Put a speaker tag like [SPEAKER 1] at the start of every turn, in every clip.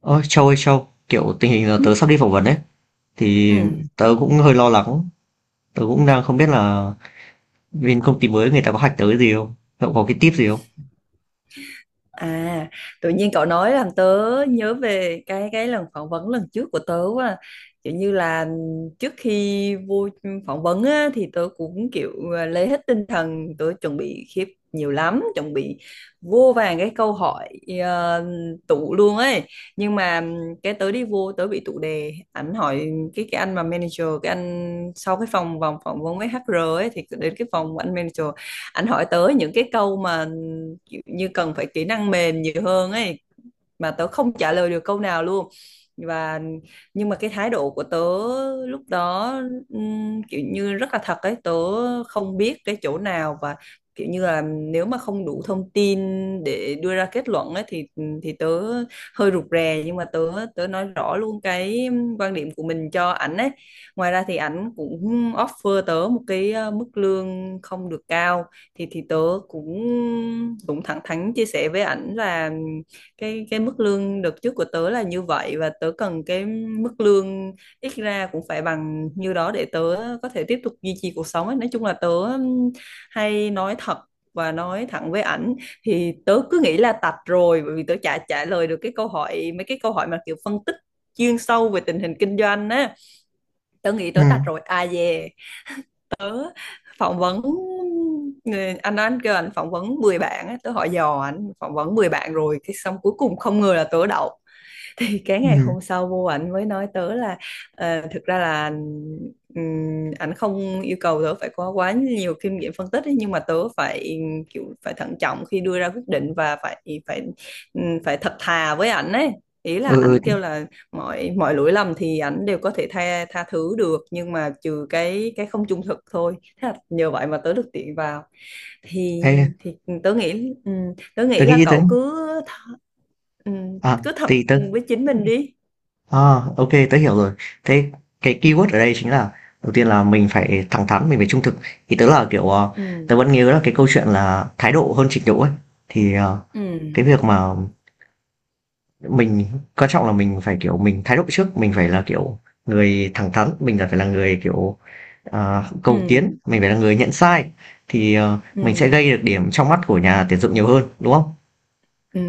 [SPEAKER 1] Ôi Châu ơi Châu, kiểu tình hình là
[SPEAKER 2] Ừ.
[SPEAKER 1] tớ sắp đi phỏng vấn ấy, thì
[SPEAKER 2] Ừ.
[SPEAKER 1] tớ cũng hơi lo lắng, tớ cũng đang không biết là bên công ty mới người ta có hack tớ cái gì không, cậu có cái tip gì không?
[SPEAKER 2] À, tự nhiên cậu nói làm tớ nhớ về cái lần phỏng vấn lần trước của tớ quá. Kiểu như là trước khi vô phỏng vấn á, thì tớ cũng kiểu lấy hết tinh thần, tớ chuẩn bị khiếp nhiều lắm, chuẩn bị vô vàng cái câu hỏi ờ, tụ luôn ấy. Nhưng mà cái tớ đi vô tớ bị tụ đề, ảnh hỏi cái anh mà manager, cái anh sau cái phòng vòng phỏng vấn với HR ấy thì đến cái phòng của anh manager, anh hỏi tới những cái câu mà như cần phải kỹ năng mềm nhiều hơn ấy mà tớ không trả lời được câu nào luôn. Và nhưng mà cái thái độ của tớ lúc đó kiểu như rất là thật ấy, tớ không biết cái chỗ nào và kiểu như là nếu mà không đủ thông tin để đưa ra kết luận ấy thì tớ hơi rụt rè, nhưng mà tớ tớ nói rõ luôn cái quan điểm của mình cho ảnh ấy. Ngoài ra thì ảnh cũng offer tớ một cái mức lương không được cao, thì tớ cũng cũng thẳng thắn chia sẻ với ảnh là cái mức lương đợt trước của tớ là như vậy, và tớ cần cái mức lương ít ra cũng phải bằng như đó để tớ có thể tiếp tục duy trì cuộc sống ấy. Nói chung là tớ hay nói thật và nói thẳng với ảnh, thì tớ cứ nghĩ là tạch rồi bởi vì tớ chả trả lời được cái câu hỏi mấy cái câu hỏi mà kiểu phân tích chuyên sâu về tình hình kinh doanh á. Tớ nghĩ
[SPEAKER 1] Ừ,
[SPEAKER 2] tớ tạch rồi. À về Tớ phỏng vấn người anh đó, anh kêu anh phỏng vấn 10 bạn á, tớ hỏi dò anh phỏng vấn 10 bạn rồi, cái xong cuối cùng không ngờ là tớ đậu. Thì cái ngày
[SPEAKER 1] ừ,
[SPEAKER 2] hôm sau vô ảnh mới nói tớ là thực ra là ảnh không yêu cầu tớ phải có quá nhiều kinh nghiệm phân tích ấy, nhưng mà tớ phải kiểu phải thận trọng khi đưa ra quyết định và phải phải phải thật thà với ảnh ấy. Ý là
[SPEAKER 1] ừ,
[SPEAKER 2] ảnh
[SPEAKER 1] ừ,
[SPEAKER 2] kêu là mọi mọi lỗi lầm thì ảnh đều có thể tha tha thứ được, nhưng mà trừ cái không trung thực thôi, thế là nhờ vậy mà tớ được tiện vào. thì
[SPEAKER 1] ê,
[SPEAKER 2] thì ừ, tớ nghĩ ừ, tớ
[SPEAKER 1] tớ
[SPEAKER 2] nghĩ là
[SPEAKER 1] nghĩ tớ,
[SPEAKER 2] cậu cứ th- ừ,
[SPEAKER 1] à,
[SPEAKER 2] cứ thật
[SPEAKER 1] thì tớ,
[SPEAKER 2] với chính mình đi.
[SPEAKER 1] à, ok, tớ hiểu rồi. Thế cái keyword ở đây chính là, đầu tiên là mình phải thẳng thắn, mình phải trung thực. Thì tớ là kiểu,
[SPEAKER 2] Ừ.
[SPEAKER 1] tớ vẫn nhớ là cái câu chuyện là thái độ hơn trình độ ấy, thì cái
[SPEAKER 2] Ừ.
[SPEAKER 1] việc mà mình quan trọng là mình phải kiểu mình thái độ trước mình phải là kiểu người thẳng thắn mình là phải là người kiểu cầu
[SPEAKER 2] Ừ.
[SPEAKER 1] tiến mình phải là người nhận sai thì
[SPEAKER 2] Ừ.
[SPEAKER 1] mình sẽ gây được điểm trong mắt của nhà tuyển dụng nhiều hơn đúng không?
[SPEAKER 2] Ừ.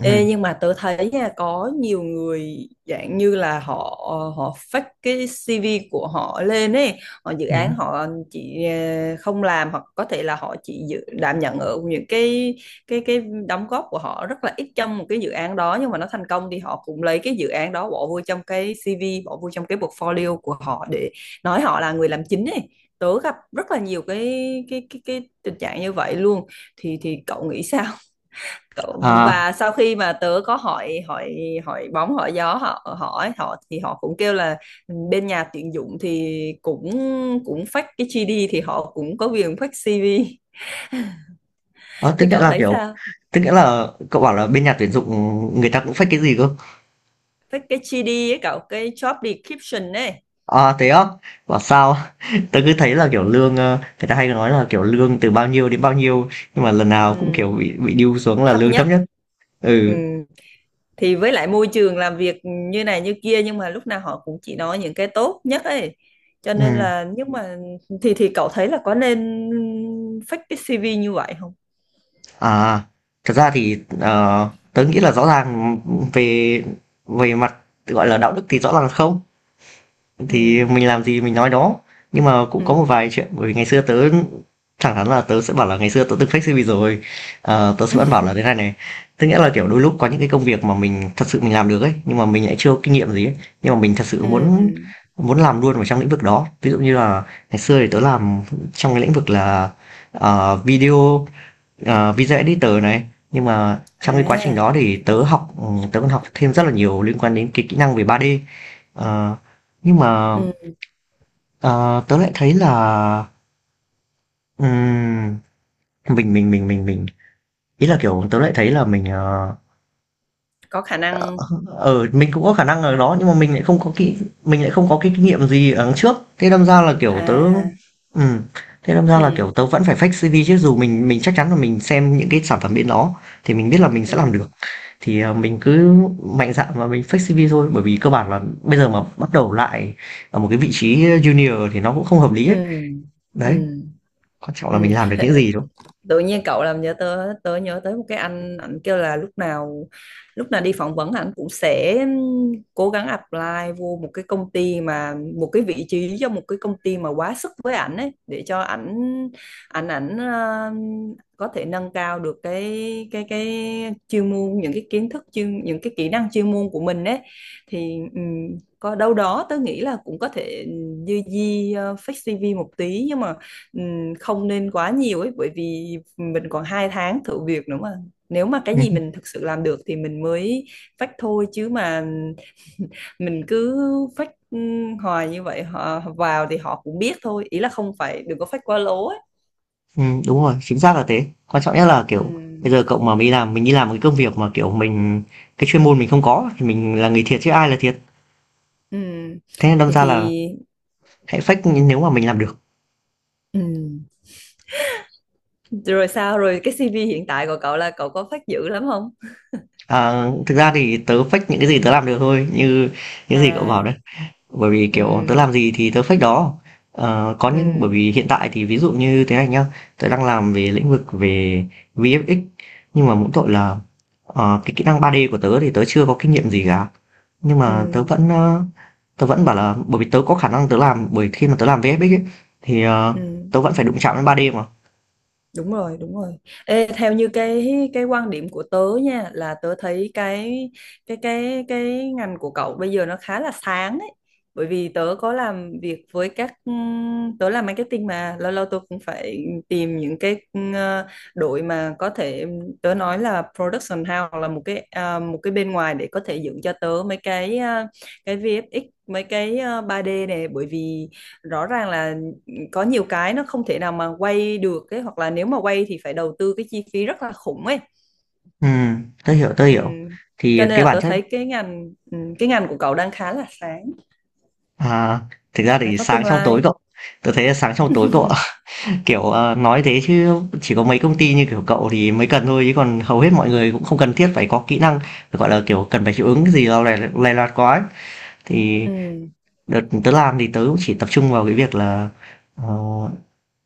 [SPEAKER 2] Ê, nhưng mà tớ thấy nha, có nhiều người dạng như là họ họ fake cái CV của họ lên ấy, họ dự
[SPEAKER 1] Ừ.
[SPEAKER 2] án họ chỉ không làm hoặc có thể là họ chỉ dự, đảm nhận ở những cái cái đóng góp của họ rất là ít trong một cái dự án đó, nhưng mà nó thành công thì họ cũng lấy cái dự án đó bỏ vô trong cái CV, bỏ vô trong cái portfolio của họ để nói họ là người làm chính ấy. Tớ gặp rất là nhiều cái tình trạng như vậy luôn. Thì cậu nghĩ sao?
[SPEAKER 1] À,
[SPEAKER 2] Và sau khi mà tớ có hỏi hỏi hỏi bóng hỏi gió, họ hỏi họ thì họ cũng kêu là bên nhà tuyển dụng thì cũng cũng fake cái GD thì họ cũng có quyền fake CV.
[SPEAKER 1] ờ, tức
[SPEAKER 2] Thì
[SPEAKER 1] nghĩa
[SPEAKER 2] cậu
[SPEAKER 1] là
[SPEAKER 2] thấy
[SPEAKER 1] kiểu
[SPEAKER 2] sao?
[SPEAKER 1] tức nghĩa là cậu bảo là bên nhà tuyển dụng người ta cũng fake cái gì cơ?
[SPEAKER 2] Fake cái GD ấy cậu, cái job description ấy.
[SPEAKER 1] À thế á? Bảo sao tớ cứ thấy là kiểu lương, người ta hay nói là kiểu lương từ bao nhiêu đến bao nhiêu, nhưng mà lần nào cũng kiểu
[SPEAKER 2] Ừ,
[SPEAKER 1] bị điêu xuống là
[SPEAKER 2] thấp
[SPEAKER 1] lương thấp
[SPEAKER 2] nhất.
[SPEAKER 1] nhất.
[SPEAKER 2] Ừ.
[SPEAKER 1] Ừ,
[SPEAKER 2] Thì với lại môi trường làm việc như này như kia, nhưng mà lúc nào họ cũng chỉ nói những cái tốt nhất ấy, cho nên
[SPEAKER 1] ừ.
[SPEAKER 2] là nhưng mà thì cậu thấy là có nên fake cái CV như vậy không?
[SPEAKER 1] À, thật ra thì, tớ nghĩ là rõ ràng về về mặt, gọi là, đạo đức thì rõ ràng là không,
[SPEAKER 2] Ừ.
[SPEAKER 1] thì mình làm gì mình nói đó. Nhưng mà cũng
[SPEAKER 2] Ừ.
[SPEAKER 1] có một vài chuyện, bởi vì ngày xưa tớ thẳng thắn là tớ sẽ bảo là ngày xưa tớ từng fake CV rồi. Ờ, tớ sẽ vẫn
[SPEAKER 2] Ừ.
[SPEAKER 1] bảo là thế này này, tức nghĩa là, kiểu, đôi lúc có những cái công việc mà mình thật sự mình làm được ấy, nhưng mà mình lại chưa có kinh nghiệm gì ấy, nhưng mà mình thật sự
[SPEAKER 2] Ừ.
[SPEAKER 1] muốn muốn làm luôn vào trong lĩnh vực đó. Ví dụ như là ngày xưa thì tớ làm trong cái lĩnh vực là, video, video editor này, nhưng mà trong cái quá trình đó
[SPEAKER 2] À.
[SPEAKER 1] thì tớ học tớ còn học thêm rất là nhiều liên quan đến cái kỹ năng về 3D. Ờ, nhưng mà
[SPEAKER 2] Ừ,
[SPEAKER 1] ờ, tớ lại thấy là ừm, mình ý là kiểu tớ lại thấy là mình,
[SPEAKER 2] có khả
[SPEAKER 1] ờ
[SPEAKER 2] năng.
[SPEAKER 1] ờ, mình cũng có khả năng ở đó nhưng mà mình lại không có cái kinh nghiệm gì ở trước, thế đâm ra là kiểu tớ,
[SPEAKER 2] À.
[SPEAKER 1] ừ, thế đâm ra là kiểu
[SPEAKER 2] Ừ.
[SPEAKER 1] tớ vẫn phải fake CV chứ, dù mình chắc chắn là mình xem những cái sản phẩm bên đó thì mình biết là mình sẽ làm được,
[SPEAKER 2] Ừ.
[SPEAKER 1] thì mình cứ mạnh dạn mà mình fake CV thôi, bởi vì cơ bản là bây giờ mà bắt đầu lại ở một cái vị trí junior thì nó cũng không hợp lý
[SPEAKER 2] Ừ.
[SPEAKER 1] ấy. Đấy,
[SPEAKER 2] Ừ.
[SPEAKER 1] quan trọng là
[SPEAKER 2] Ừ.
[SPEAKER 1] mình làm được những gì đúng không?
[SPEAKER 2] Tự nhiên cậu làm nhớ tới, tớ nhớ tới một cái anh, ảnh kêu là lúc nào đi phỏng vấn ảnh cũng sẽ cố gắng apply vô một cái công ty mà một cái vị trí cho một cái công ty mà quá sức với ảnh ấy để cho ảnh ảnh ảnh ờ, có thể nâng cao được cái chuyên môn, những cái kiến thức chuyên, những cái kỹ năng chuyên môn của mình ấy. Thì có đâu đó tớ nghĩ là cũng có thể dư di fake CV một tí, nhưng mà không nên quá nhiều ấy, bởi vì mình còn 2 tháng thử việc nữa mà, nếu mà cái
[SPEAKER 1] Ừm,
[SPEAKER 2] gì mình thực sự làm được thì mình mới phách thôi, chứ mà mình cứ phách hoài như vậy họ vào thì họ cũng biết thôi, ý là không phải đừng có phách quá lố ấy.
[SPEAKER 1] đúng rồi, chính xác là thế. Quan trọng nhất là kiểu
[SPEAKER 2] Ừm.
[SPEAKER 1] bây giờ cậu mà mình làm mình đi làm một cái công việc mà kiểu mình cái chuyên môn mình không có thì mình là người thiệt chứ ai là thiệt.
[SPEAKER 2] Ừm.
[SPEAKER 1] Thế nên đâm
[SPEAKER 2] thì
[SPEAKER 1] ra
[SPEAKER 2] thì
[SPEAKER 1] là hãy fake nếu mà mình làm được.
[SPEAKER 2] ừm. Rồi sao, rồi cái CV hiện tại của cậu là cậu có phách dữ lắm không?
[SPEAKER 1] À, thực ra thì tớ fake những cái gì tớ làm được thôi, như những gì cậu bảo đấy.
[SPEAKER 2] À.
[SPEAKER 1] Bởi vì kiểu tớ
[SPEAKER 2] Ừ.
[SPEAKER 1] làm gì thì tớ fake đó. Ờ, có những bởi
[SPEAKER 2] Ừ.
[SPEAKER 1] vì hiện tại thì ví dụ như thế này nhá, tớ đang làm về lĩnh vực về VFX, nhưng mà mỗi tội là, cái kỹ năng 3D của tớ thì tớ chưa có kinh nghiệm gì cả, nhưng
[SPEAKER 2] Ừ.
[SPEAKER 1] mà tớ vẫn, tớ vẫn bảo là bởi vì tớ có khả năng tớ làm, bởi khi mà tớ làm VFX ấy, thì
[SPEAKER 2] Ừm.
[SPEAKER 1] tớ vẫn phải đụng chạm đến 3D mà.
[SPEAKER 2] Đúng rồi, đúng rồi. Ê, theo như cái quan điểm của tớ nha, là tớ thấy cái ngành của cậu bây giờ nó khá là sáng ấy. Bởi vì tớ có làm việc với các tớ làm marketing mà lâu lâu tớ cũng phải tìm những cái đội mà có thể tớ nói là production house, hoặc là một cái một cái bên ngoài để có thể dựng cho tớ mấy cái cái VFX, mấy cái 3D này, bởi vì rõ ràng là có nhiều cái nó không thể nào mà quay được ấy, hoặc là nếu mà quay thì phải đầu tư cái chi phí rất là khủng ấy.
[SPEAKER 1] Ừ, tớ hiểu
[SPEAKER 2] Ừm.
[SPEAKER 1] thì
[SPEAKER 2] Cho nên
[SPEAKER 1] cái
[SPEAKER 2] là
[SPEAKER 1] bản
[SPEAKER 2] tôi
[SPEAKER 1] chất,
[SPEAKER 2] thấy cái ngành của cậu đang khá là sáng,
[SPEAKER 1] à, thực ra
[SPEAKER 2] khá
[SPEAKER 1] thì
[SPEAKER 2] có
[SPEAKER 1] sáng
[SPEAKER 2] tương
[SPEAKER 1] trong tối
[SPEAKER 2] lai.
[SPEAKER 1] cậu, tớ thấy là sáng trong tối cậu. Kiểu, nói thế chứ chỉ có mấy công ty như kiểu cậu thì mới cần thôi, chứ còn hầu hết mọi người cũng không cần thiết phải có kỹ năng, phải gọi là, kiểu, cần phải hiệu ứng gì đó lè lòe loạt quá ấy. Thì
[SPEAKER 2] Ừm.
[SPEAKER 1] đợt tớ làm thì tớ cũng chỉ tập trung vào cái việc là, ờ,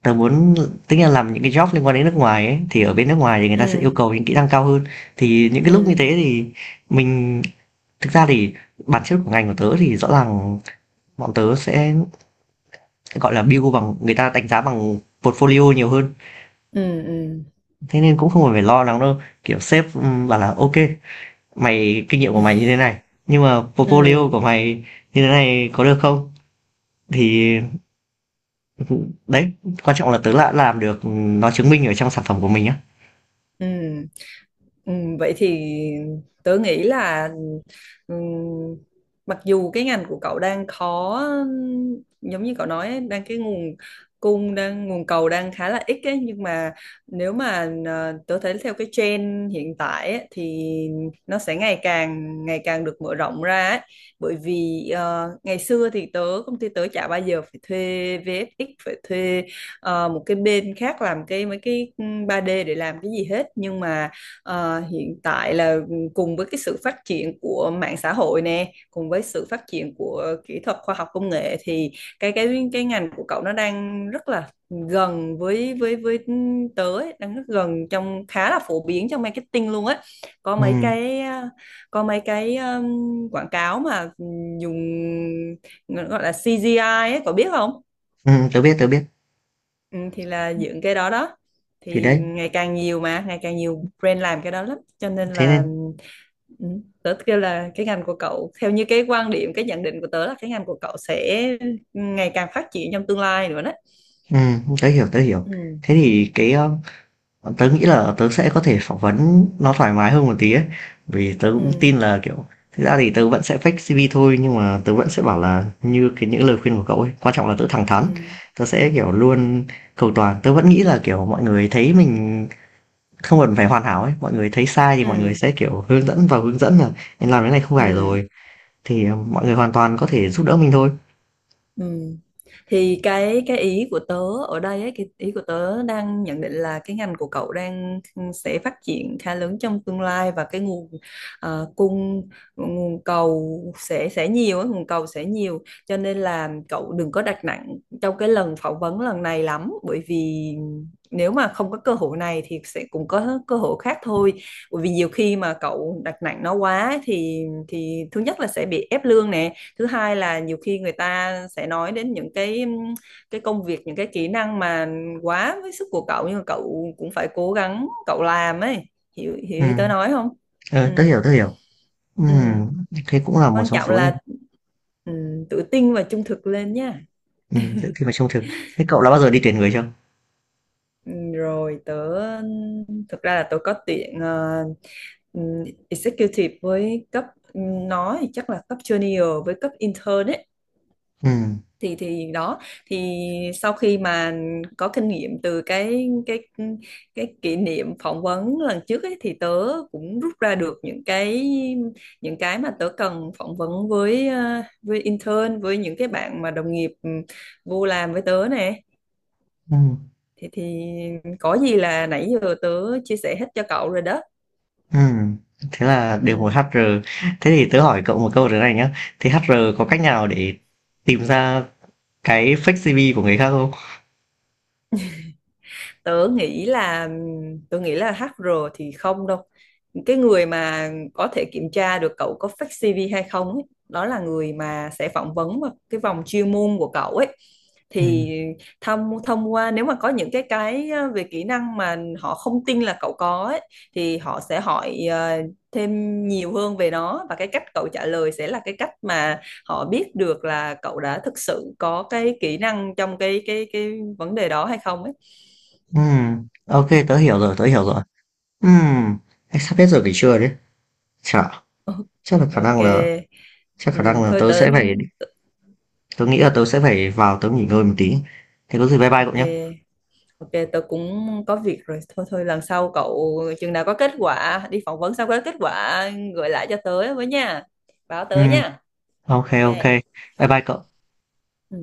[SPEAKER 1] tớ muốn tính là làm những cái job liên quan đến nước ngoài ấy, thì ở bên nước ngoài thì người ta sẽ yêu
[SPEAKER 2] Ừm.
[SPEAKER 1] cầu những kỹ năng cao hơn. Thì những cái lúc như
[SPEAKER 2] Ừm.
[SPEAKER 1] thế thì mình thực ra thì bản chất của ngành của tớ thì rõ ràng bọn tớ sẽ, gọi là, build bằng người ta đánh giá bằng portfolio nhiều hơn.
[SPEAKER 2] Ừm. Ừm.
[SPEAKER 1] Thế nên cũng không cần phải lo lắng đâu, kiểu sếp, bảo là "ok mày kinh nghiệm của mày như thế này, nhưng mà portfolio của
[SPEAKER 2] Ừm.
[SPEAKER 1] mày như thế này có được không?" Thì ừ, đấy, quan trọng là tớ đã làm được, ừ, nó chứng minh ở trong sản phẩm của mình á.
[SPEAKER 2] Ừm. Ừ, vậy thì tớ nghĩ là ừm, mặc dù cái ngành của cậu đang khó, giống như cậu nói ấy, đang cái nguồn cung đang, nguồn cầu đang khá là ít ấy, nhưng mà nếu mà tớ thấy theo cái trend hiện tại ấy, thì nó sẽ ngày càng được mở rộng ra ấy. Bởi vì ngày xưa thì công ty tớ chả bao giờ phải thuê VFX, phải thuê một cái bên khác làm cái mấy cái ba d để làm cái gì hết, nhưng mà hiện tại là cùng với cái sự phát triển của mạng xã hội nè, cùng với sự phát triển của kỹ thuật khoa học công nghệ, thì cái ngành của cậu nó đang rất là gần với tớ ấy, đang rất gần trong, khá là phổ biến trong marketing luôn á. Có mấy
[SPEAKER 1] Ừm,
[SPEAKER 2] cái ờ, có mấy cái quảng cáo mà dùng gọi là CGI ấy, cậu biết không?
[SPEAKER 1] tớ biết, tớ biết.
[SPEAKER 2] Ừ, thì là dựng cái đó đó,
[SPEAKER 1] Thì
[SPEAKER 2] thì
[SPEAKER 1] đấy,
[SPEAKER 2] ngày càng nhiều mà ngày càng nhiều brand làm cái đó lắm cho nên
[SPEAKER 1] thế
[SPEAKER 2] là
[SPEAKER 1] nên
[SPEAKER 2] ừ, tớ kêu là cái ngành của cậu theo như cái quan điểm, cái nhận định của tớ là cái ngành của cậu sẽ ngày càng phát triển trong tương lai nữa đó.
[SPEAKER 1] tớ hiểu, tớ hiểu.
[SPEAKER 2] Ừ.
[SPEAKER 1] Thế thì cái, tớ nghĩ là tớ sẽ có thể phỏng vấn nó thoải mái hơn một tí ấy, vì tớ cũng tin
[SPEAKER 2] Ừ.
[SPEAKER 1] là, kiểu thực ra thì tớ vẫn sẽ fake CV thôi, nhưng mà tớ vẫn sẽ bảo là như cái những lời khuyên của cậu ấy, quan trọng là tớ thẳng
[SPEAKER 2] Ừ.
[SPEAKER 1] thắn, tớ sẽ, kiểu, luôn cầu toàn. Tớ vẫn nghĩ là, kiểu, mọi người thấy mình không cần phải hoàn hảo ấy, mọi người thấy sai thì mọi người
[SPEAKER 2] Ừ.
[SPEAKER 1] sẽ, kiểu, hướng dẫn và hướng dẫn là "Em làm cái này không
[SPEAKER 2] Ừ.
[SPEAKER 1] phải
[SPEAKER 2] Ừ.
[SPEAKER 1] rồi", thì mọi người hoàn toàn có thể giúp đỡ mình thôi.
[SPEAKER 2] Ừ. Thì cái ý của tớ ở đây ấy, cái ý của tớ đang nhận định là cái ngành của cậu đang sẽ phát triển khá lớn trong tương lai, và cái nguồn cung, nguồn cầu sẽ nhiều ấy, nguồn cầu sẽ nhiều, cho nên là cậu đừng có đặt nặng trong cái lần phỏng vấn lần này lắm, bởi vì nếu mà không có cơ hội này thì sẽ cũng có cơ hội khác thôi. Bởi vì nhiều khi mà cậu đặt nặng nó quá ấy thì thứ nhất là sẽ bị ép lương nè, thứ hai là nhiều khi người ta sẽ nói đến những cái công việc, những cái kỹ năng mà quá với sức của cậu, nhưng mà cậu cũng phải cố gắng cậu làm ấy. Hiểu hiểu ý tớ
[SPEAKER 1] Ừm,
[SPEAKER 2] nói không? Ừ.
[SPEAKER 1] tớ hiểu, tớ hiểu.
[SPEAKER 2] Ừ.
[SPEAKER 1] Ừm, thế cũng là một
[SPEAKER 2] Quan
[SPEAKER 1] trong
[SPEAKER 2] trọng
[SPEAKER 1] số
[SPEAKER 2] là ừ, tự tin và trung thực lên nha.
[SPEAKER 1] những khi mà trông thực. Thế cậu đã bao giờ đi tuyển người chưa?
[SPEAKER 2] Ừ, rồi tớ, thực ra là tớ có tuyển ừ, executive với cấp nó thì chắc là cấp junior với cấp intern ấy.
[SPEAKER 1] Ừm.
[SPEAKER 2] Thì đó thì sau khi mà có kinh nghiệm từ cái kỷ niệm phỏng vấn lần trước ấy, thì tớ cũng rút ra được những cái, những cái mà tớ cần phỏng vấn với với intern, với những cái bạn mà đồng nghiệp vô làm với tớ nè.
[SPEAKER 1] Ừm,
[SPEAKER 2] Thì có gì là nãy giờ tớ chia sẻ hết cho cậu rồi đó.
[SPEAKER 1] ừm, thế là đều một
[SPEAKER 2] Ừ.
[SPEAKER 1] HR. Thế thì tớ hỏi cậu một câu thế này nhá, thế HR có
[SPEAKER 2] Ừ.
[SPEAKER 1] cách nào để tìm ra cái fake CV của người khác không?
[SPEAKER 2] tớ nghĩ là Tớ nghĩ là hát HR thì không đâu. Cái người mà có thể kiểm tra được cậu có fake CV hay không ấy, đó là người mà sẽ phỏng vấn vào cái vòng chuyên môn của cậu ấy.
[SPEAKER 1] Ừm,
[SPEAKER 2] Thì thông thông qua nếu mà có những cái về kỹ năng mà họ không tin là cậu có ấy, thì họ sẽ hỏi thêm nhiều hơn về nó, và cái cách cậu trả lời sẽ là cái cách mà họ biết được là cậu đã thực sự có cái kỹ năng trong cái vấn đề đó hay không ấy.
[SPEAKER 1] ok, tớ hiểu rồi, tớ hiểu rồi. Ừm, anh sắp hết giờ nghỉ trưa đấy. Chả, chắc là khả
[SPEAKER 2] Ok.
[SPEAKER 1] năng là, chắc khả
[SPEAKER 2] Ừ,
[SPEAKER 1] năng là
[SPEAKER 2] thôi
[SPEAKER 1] tớ
[SPEAKER 2] tớ.
[SPEAKER 1] sẽ phải, tớ nghĩ là tớ sẽ phải vào tớ nghỉ ngơi một tí. Thế có gì bye bye cậu
[SPEAKER 2] Ok.
[SPEAKER 1] nhé.
[SPEAKER 2] Ok, tớ cũng có việc rồi. Thôi thôi, lần sau cậu chừng nào có kết quả đi phỏng vấn xong, có kết quả gửi lại cho tớ với nha, báo tớ
[SPEAKER 1] Ừm,
[SPEAKER 2] nha.
[SPEAKER 1] ok,
[SPEAKER 2] Ok.
[SPEAKER 1] ok, bye bye cậu.
[SPEAKER 2] Ừ.